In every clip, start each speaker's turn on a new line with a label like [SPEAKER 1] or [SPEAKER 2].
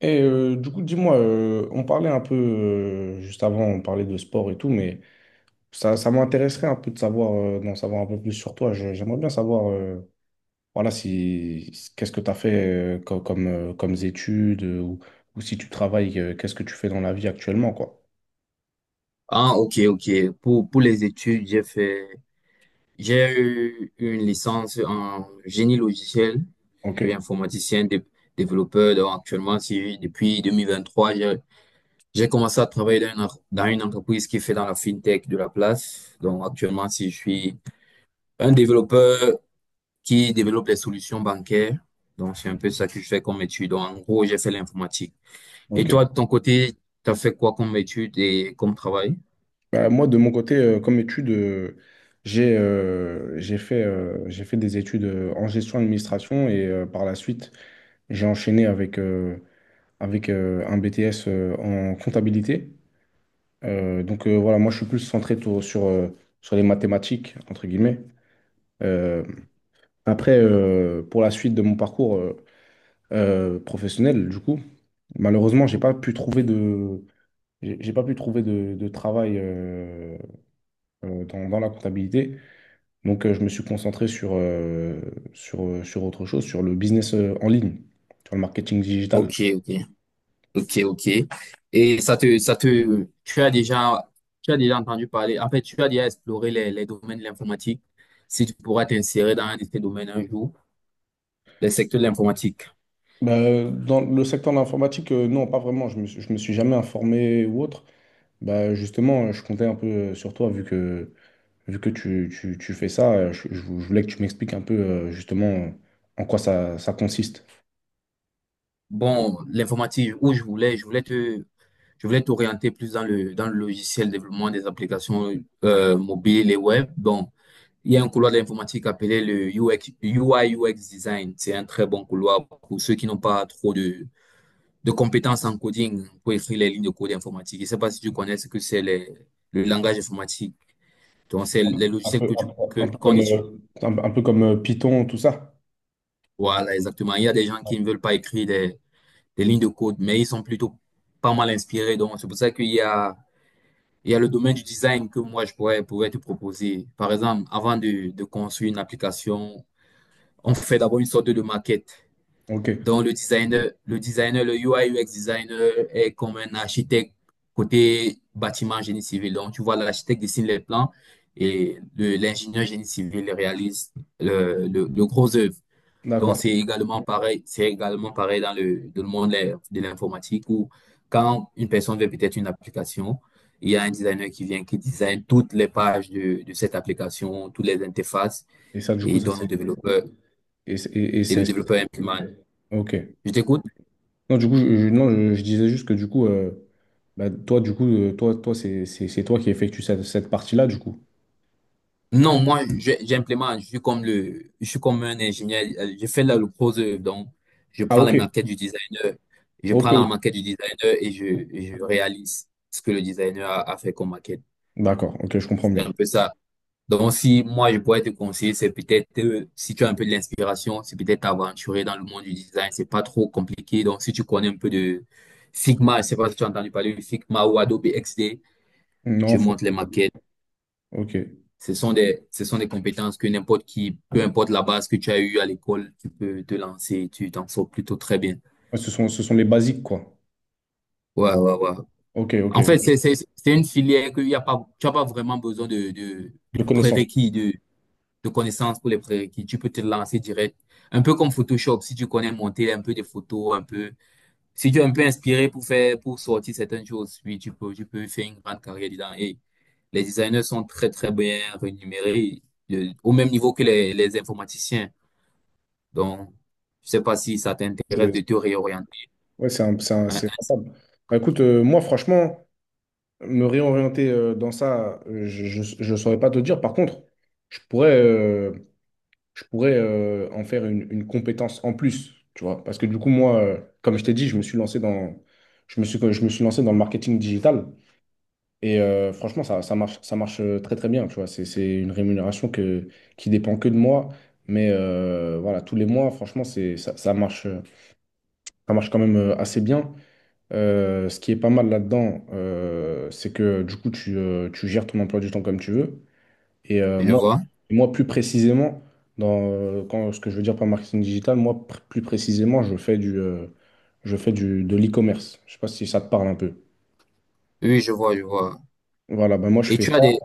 [SPEAKER 1] Et du coup, dis-moi, on parlait un peu, juste avant, on parlait de sport et tout, mais ça m'intéresserait un peu de savoir, d'en savoir un peu plus sur toi. J'aimerais bien savoir, voilà, si qu'est-ce que tu as fait comme, comme, études ou si tu travailles, qu'est-ce que tu fais dans la vie actuellement, quoi.
[SPEAKER 2] Ah, ok, ok. Pour les études, j'ai eu une licence en génie logiciel. Je
[SPEAKER 1] Ok,
[SPEAKER 2] suis informaticien, développeur. Donc, actuellement, depuis 2023 j'ai commencé à travailler dans dans une entreprise qui fait dans la fintech de la place. Donc, actuellement, si je suis un développeur qui développe les solutions bancaires. Donc, c'est un peu ça que je fais comme étude. Donc, en gros, j'ai fait l'informatique. Et
[SPEAKER 1] ok.
[SPEAKER 2] toi, de ton côté, tu as fait quoi comme étude et comme travail?
[SPEAKER 1] Bah, moi, de mon côté, comme études, j'ai fait des études en gestion d'administration et par la suite, j'ai enchaîné avec un BTS en comptabilité. Donc voilà, moi je suis plus centré sur les mathématiques, entre guillemets. Euh, Après, pour la suite de mon parcours professionnel, du coup, malheureusement, j'ai pas pu trouver de travail dans la comptabilité. Donc je me suis concentré sur autre chose, sur le business en ligne, sur le marketing digital.
[SPEAKER 2] Ok, ok. Ok, ok. Et tu as déjà entendu parler, en fait, tu as déjà exploré les domaines de l'informatique, si tu pourras t'insérer dans un de ces domaines un jour, les secteurs de l'informatique.
[SPEAKER 1] Bah, dans le secteur de l'informatique, non, pas vraiment. Je me suis jamais informé ou autre. Bah, justement, je comptais un peu sur toi, vu que tu fais ça. Je voulais que tu m'expliques un peu, justement, en quoi ça consiste.
[SPEAKER 2] Bon, l'informatique, je voulais t'orienter plus dans dans le logiciel développement des applications mobiles et web. Donc, il y a un couloir de l'informatique appelé le UX, UI UX Design. C'est un très bon couloir pour ceux qui n'ont pas trop de compétences en coding pour écrire les lignes de code informatique. Je ne sais pas si tu connais ce que c'est le langage informatique. Donc, c'est
[SPEAKER 1] Un
[SPEAKER 2] les
[SPEAKER 1] un
[SPEAKER 2] logiciels
[SPEAKER 1] peu,
[SPEAKER 2] que
[SPEAKER 1] un peu,
[SPEAKER 2] qu'on étudie.
[SPEAKER 1] un peu comme Python, tout ça.
[SPEAKER 2] Voilà, exactement. Il y a des gens qui ne veulent pas écrire des lignes de code, mais ils sont plutôt pas mal inspirés. Donc, c'est pour ça qu'il y a le domaine du design que moi, pourrais te proposer. Par exemple, avant de construire une application, on fait d'abord une sorte de maquette.
[SPEAKER 1] Ok,
[SPEAKER 2] Donc, le UI UX designer est comme un architecte côté bâtiment génie civil. Donc, tu vois, l'architecte dessine les plans et l'ingénieur génie civil réalise le gros œuvre. Donc,
[SPEAKER 1] d'accord.
[SPEAKER 2] c'est également pareil dans dans le monde de de l'informatique où quand une personne veut peut-être une application, il y a un designer qui vient, qui design toutes les pages de cette application, toutes les interfaces,
[SPEAKER 1] Et ça, du
[SPEAKER 2] et
[SPEAKER 1] coup,
[SPEAKER 2] il
[SPEAKER 1] ça,
[SPEAKER 2] donne au
[SPEAKER 1] c'est.
[SPEAKER 2] développeur,
[SPEAKER 1] Et
[SPEAKER 2] et
[SPEAKER 1] c'est.
[SPEAKER 2] le développeur implémente.
[SPEAKER 1] Ok.
[SPEAKER 2] Je t'écoute?
[SPEAKER 1] Non, du coup, je- non, je disais juste que du coup, bah, toi, du coup, toi, c'est toi qui effectue cette partie-là, du coup.
[SPEAKER 2] Non, moi, j'implémente, je suis comme je suis comme un ingénieur, je fais la le proseur, donc je
[SPEAKER 1] Ah,
[SPEAKER 2] prends la
[SPEAKER 1] ok,
[SPEAKER 2] maquette du designer, je
[SPEAKER 1] ok,
[SPEAKER 2] prends la
[SPEAKER 1] ok.
[SPEAKER 2] maquette du designer et et je réalise ce que le designer a fait comme maquette.
[SPEAKER 1] D'accord, ok, je comprends
[SPEAKER 2] C'est un
[SPEAKER 1] mieux.
[SPEAKER 2] peu ça. Donc, si moi, je pourrais te conseiller, c'est peut-être, si tu as un peu de l'inspiration, c'est peut-être t'aventurer dans le monde du design, c'est pas trop compliqué. Donc, si tu connais un peu de Figma, je sais pas si tu as entendu parler de Figma ou Adobe XD,
[SPEAKER 1] Non,
[SPEAKER 2] tu montes les maquettes.
[SPEAKER 1] ok. Ouais,
[SPEAKER 2] Ce sont des compétences que n'importe qui, peu importe la base que tu as eue à l'école, tu peux te lancer, tu t'en sors plutôt très bien.
[SPEAKER 1] ce sont les basiques, quoi.
[SPEAKER 2] Ouais, ouais, ouais.
[SPEAKER 1] Ok, ok,
[SPEAKER 2] En fait, c'est une filière que y a pas, tu n'as pas vraiment besoin
[SPEAKER 1] de
[SPEAKER 2] de
[SPEAKER 1] connaissances.
[SPEAKER 2] prérequis, de, de connaissances pour les prérequis. Tu peux te lancer direct. Un peu comme Photoshop, si tu connais monter un peu des photos, un peu, si tu es un peu inspiré pour faire, pour sortir certaines choses, oui, tu peux faire une grande carrière dedans. Et les designers sont très, très bien rémunérés, au même niveau que les informaticiens. Donc, je sais pas si ça t'intéresse de
[SPEAKER 1] C'est-
[SPEAKER 2] te réorienter.
[SPEAKER 1] Ouais,
[SPEAKER 2] Hein,
[SPEAKER 1] c'est
[SPEAKER 2] hein,
[SPEAKER 1] rentable. Bah, écoute, moi, franchement, me réorienter dans ça, je ne saurais pas te dire. Par contre, je pourrais, euh, je pourrais en faire une compétence en plus, tu vois. Parce que du coup, moi, comme je t'ai dit, je me suis lancé dans, je me suis lancé dans le marketing digital. Et franchement, ça marche très très bien, tu vois. C'est une rémunération qui dépend que de moi. Mais voilà, tous les mois, franchement, c'est, ça, ça marche quand même assez bien. Ce qui est pas mal là-dedans, c'est que du coup, tu gères ton emploi du temps comme tu veux. Et
[SPEAKER 2] je
[SPEAKER 1] moi,
[SPEAKER 2] vois.
[SPEAKER 1] moi, plus précisément, ce que je veux dire par marketing digital, moi, plus précisément, je fais de l'e-commerce. Je sais pas si ça te parle un peu.
[SPEAKER 2] Oui, je vois, je vois.
[SPEAKER 1] Voilà, ben moi, je
[SPEAKER 2] Et
[SPEAKER 1] fais ça.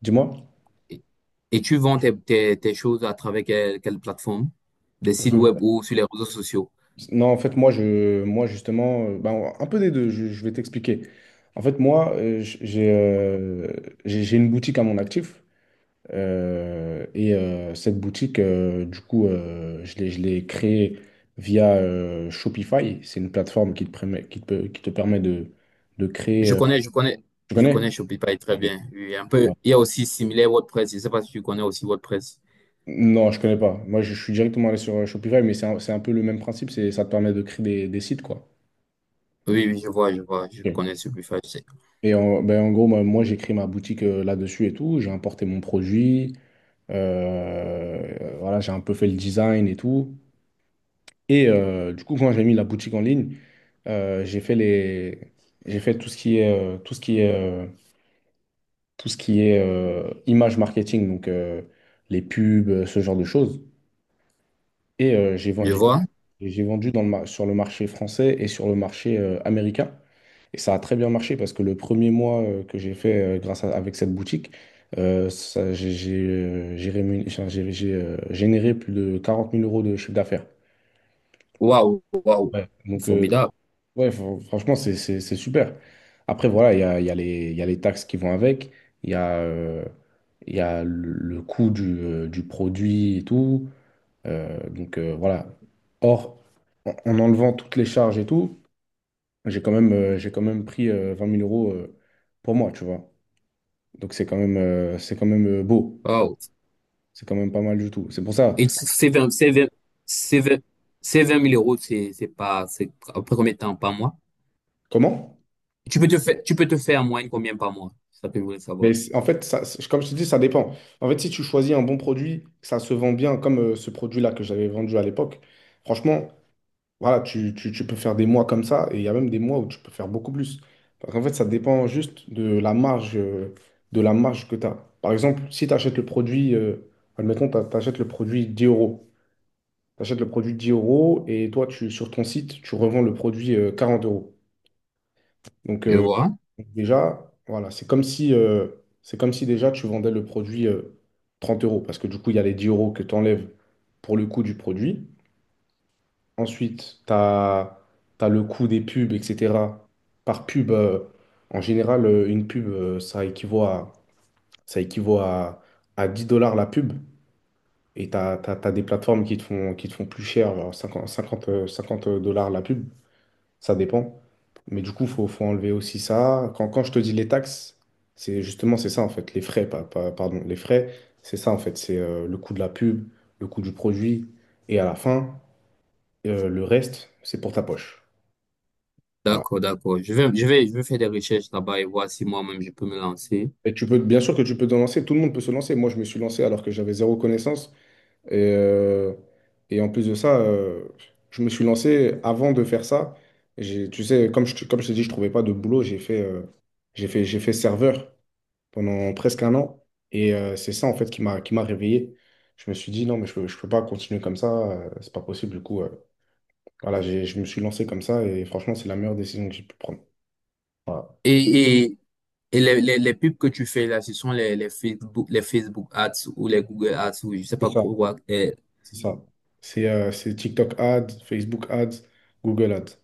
[SPEAKER 1] Dis-moi.
[SPEAKER 2] et tu vends tes choses à travers quelle plateforme? Des sites web
[SPEAKER 1] Je-
[SPEAKER 2] ou sur les réseaux sociaux?
[SPEAKER 1] Non, en fait, moi justement, ben, un peu des deux, je vais t'expliquer. En fait, moi, j'ai une boutique à mon actif. Et cette boutique, du coup, je l'ai créée via Shopify. C'est une plateforme qui te permet de créer.
[SPEAKER 2] Je connais, je connais,
[SPEAKER 1] Tu
[SPEAKER 2] je
[SPEAKER 1] connais?
[SPEAKER 2] connais Shopify très
[SPEAKER 1] Ok.
[SPEAKER 2] bien. Oui, un
[SPEAKER 1] Ouais.
[SPEAKER 2] peu. Il y a aussi similaire WordPress. Je sais pas si tu connais aussi WordPress.
[SPEAKER 1] Non, je connais pas. Moi, je suis directement allé sur Shopify, mais c'est un peu le même principe. Ça te permet de créer des sites, quoi.
[SPEAKER 2] Oui, oui, je vois, je
[SPEAKER 1] Ok.
[SPEAKER 2] connais Shopify. Je sais.
[SPEAKER 1] Ben, en gros, moi, j'ai créé ma boutique là-dessus et tout. J'ai importé mon produit. Voilà, j'ai un peu fait le design et tout. Et du coup, quand j'ai mis la boutique en ligne, Euh, j'ai fait les, j'ai fait tout ce qui est, tout ce qui est, tout ce qui est image marketing, donc les pubs, ce genre de choses. Et j'ai, ven-
[SPEAKER 2] Je
[SPEAKER 1] j'ai,
[SPEAKER 2] vois.
[SPEAKER 1] j'ai vendu sur le marché français et sur le marché américain. Et ça a très bien marché parce que le premier mois que j'ai fait avec cette boutique, j'ai généré plus de 40 000 euros de chiffre d'affaires.
[SPEAKER 2] Waouh, waouh,
[SPEAKER 1] Donc,
[SPEAKER 2] formidable.
[SPEAKER 1] ouais, franchement, c'est super. Après, voilà, il y a les taxes qui vont avec, il y a, euh, il y a le coût du produit et tout. Donc, voilà. Or, en enlevant toutes les charges et tout, j'ai quand même pris 20 000 euros pour moi, tu vois. Donc, c'est quand même beau.
[SPEAKER 2] Waouh.
[SPEAKER 1] C'est quand même pas mal du tout. C'est pour ça.
[SPEAKER 2] Et c'est 20 c'est 20 000 euros, c'est pas, c'est après combien de temps par mois?
[SPEAKER 1] Comment?
[SPEAKER 2] Tu peux te faire en moyenne combien par mois? Ça peut vous
[SPEAKER 1] Mais
[SPEAKER 2] savoir.
[SPEAKER 1] en fait, comme je te dis, ça dépend. En fait, si tu choisis un bon produit, que ça se vend bien, comme ce produit-là que j'avais vendu à l'époque, franchement, voilà, tu peux faire des mois comme ça, et il y a même des mois où tu peux faire beaucoup plus. Parce qu'en fait, ça dépend juste de la marge que tu as. Par exemple, si tu achètes le produit, admettons, tu achètes le produit 10 euros. Tu achètes le produit 10 euros, et toi, sur ton site, tu revends le produit 40 euros. Donc,
[SPEAKER 2] Je vois.
[SPEAKER 1] déjà, voilà, c'est comme si déjà tu vendais le produit 30 euros, parce que du coup, il y a les 10 euros que tu enlèves pour le coût du produit. Ensuite, tu as, le coût des pubs, etc. Par pub, en général, une pub, ça équivaut à 10 dollars la pub. Et tu as, des plateformes qui te font plus cher, genre 50 dollars la pub, ça dépend. Mais du coup, faut enlever aussi ça. Quand je te dis les taxes, c'est ça en fait, les frais, pardon, les frais, c'est ça en fait, c'est le coût de la pub, le coût du produit, et à la fin, le reste, c'est pour ta poche. Voilà.
[SPEAKER 2] D'accord, d'accord. Je vais faire des recherches là-bas et voir si moi-même je peux me lancer.
[SPEAKER 1] Bien sûr que tu peux te lancer, tout le monde peut se lancer. Moi, je me suis lancé alors que j'avais zéro connaissance. Et, euh, et en plus de ça, je me suis lancé avant de faire ça. J'ai, tu sais, comme je t'ai dit, je trouvais pas de boulot, j'ai fait serveur pendant presque un an. Et c'est ça, en fait, qui m'a réveillé. Je me suis dit, non, mais je peux pas continuer comme ça, c'est pas possible. Du coup, voilà, je me suis lancé comme ça et franchement, c'est la meilleure décision que j'ai pu prendre. Voilà.
[SPEAKER 2] Et, et, et les pubs que tu fais là, ce sont les Facebook Ads ou les Google Ads ou je sais
[SPEAKER 1] C'est
[SPEAKER 2] pas
[SPEAKER 1] ça,
[SPEAKER 2] quoi.
[SPEAKER 1] c'est ça. C'est TikTok Ads, Facebook Ads, Google Ads.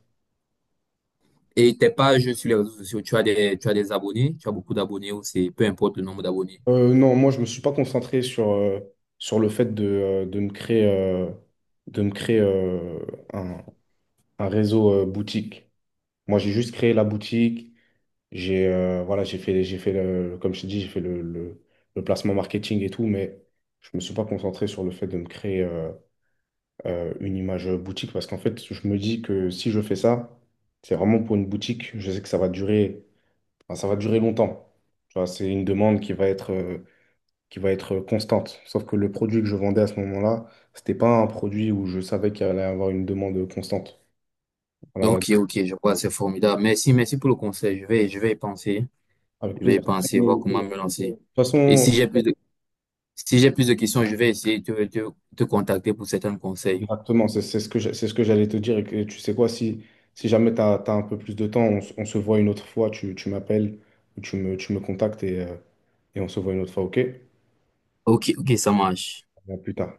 [SPEAKER 2] Et tes pages sur les réseaux sociaux, tu as des abonnés, tu as beaucoup d'abonnés ou c'est peu importe le nombre d'abonnés.
[SPEAKER 1] Non, moi, je me suis pas concentré sur le fait de me créer un, un réseau boutique. Moi, j'ai juste créé la boutique. J'ai Voilà, comme je te dis, j'ai fait le placement marketing et tout, mais je me suis pas concentré sur le fait de me créer une image boutique parce qu'en fait, je me dis que si je fais ça, c'est vraiment pour une boutique. Je sais que enfin, ça va durer longtemps. Tu vois, c'est une demande qui va être constante. Sauf que le produit que je vendais à ce moment-là, c'était pas un produit où je savais qu'il allait avoir une demande constante. Voilà,
[SPEAKER 2] Ok, ok, je vois, c'est formidable. Merci, merci pour le conseil. Je vais y penser.
[SPEAKER 1] avec
[SPEAKER 2] Je vais
[SPEAKER 1] plaisir.
[SPEAKER 2] y
[SPEAKER 1] De
[SPEAKER 2] penser, voir
[SPEAKER 1] toute
[SPEAKER 2] comment me lancer. Et
[SPEAKER 1] façon,
[SPEAKER 2] si j'ai plus de, si j'ai plus de questions, je vais essayer de te contacter pour certains conseils.
[SPEAKER 1] exactement, c'est ce que c'est ce que j'allais te dire. Tu sais quoi, si jamais tu as un peu plus de temps, on se voit une autre fois, tu m'appelles ou tu me contactes et on se voit une autre fois, ok?
[SPEAKER 2] Ok, ok, ça marche.
[SPEAKER 1] À plus tard.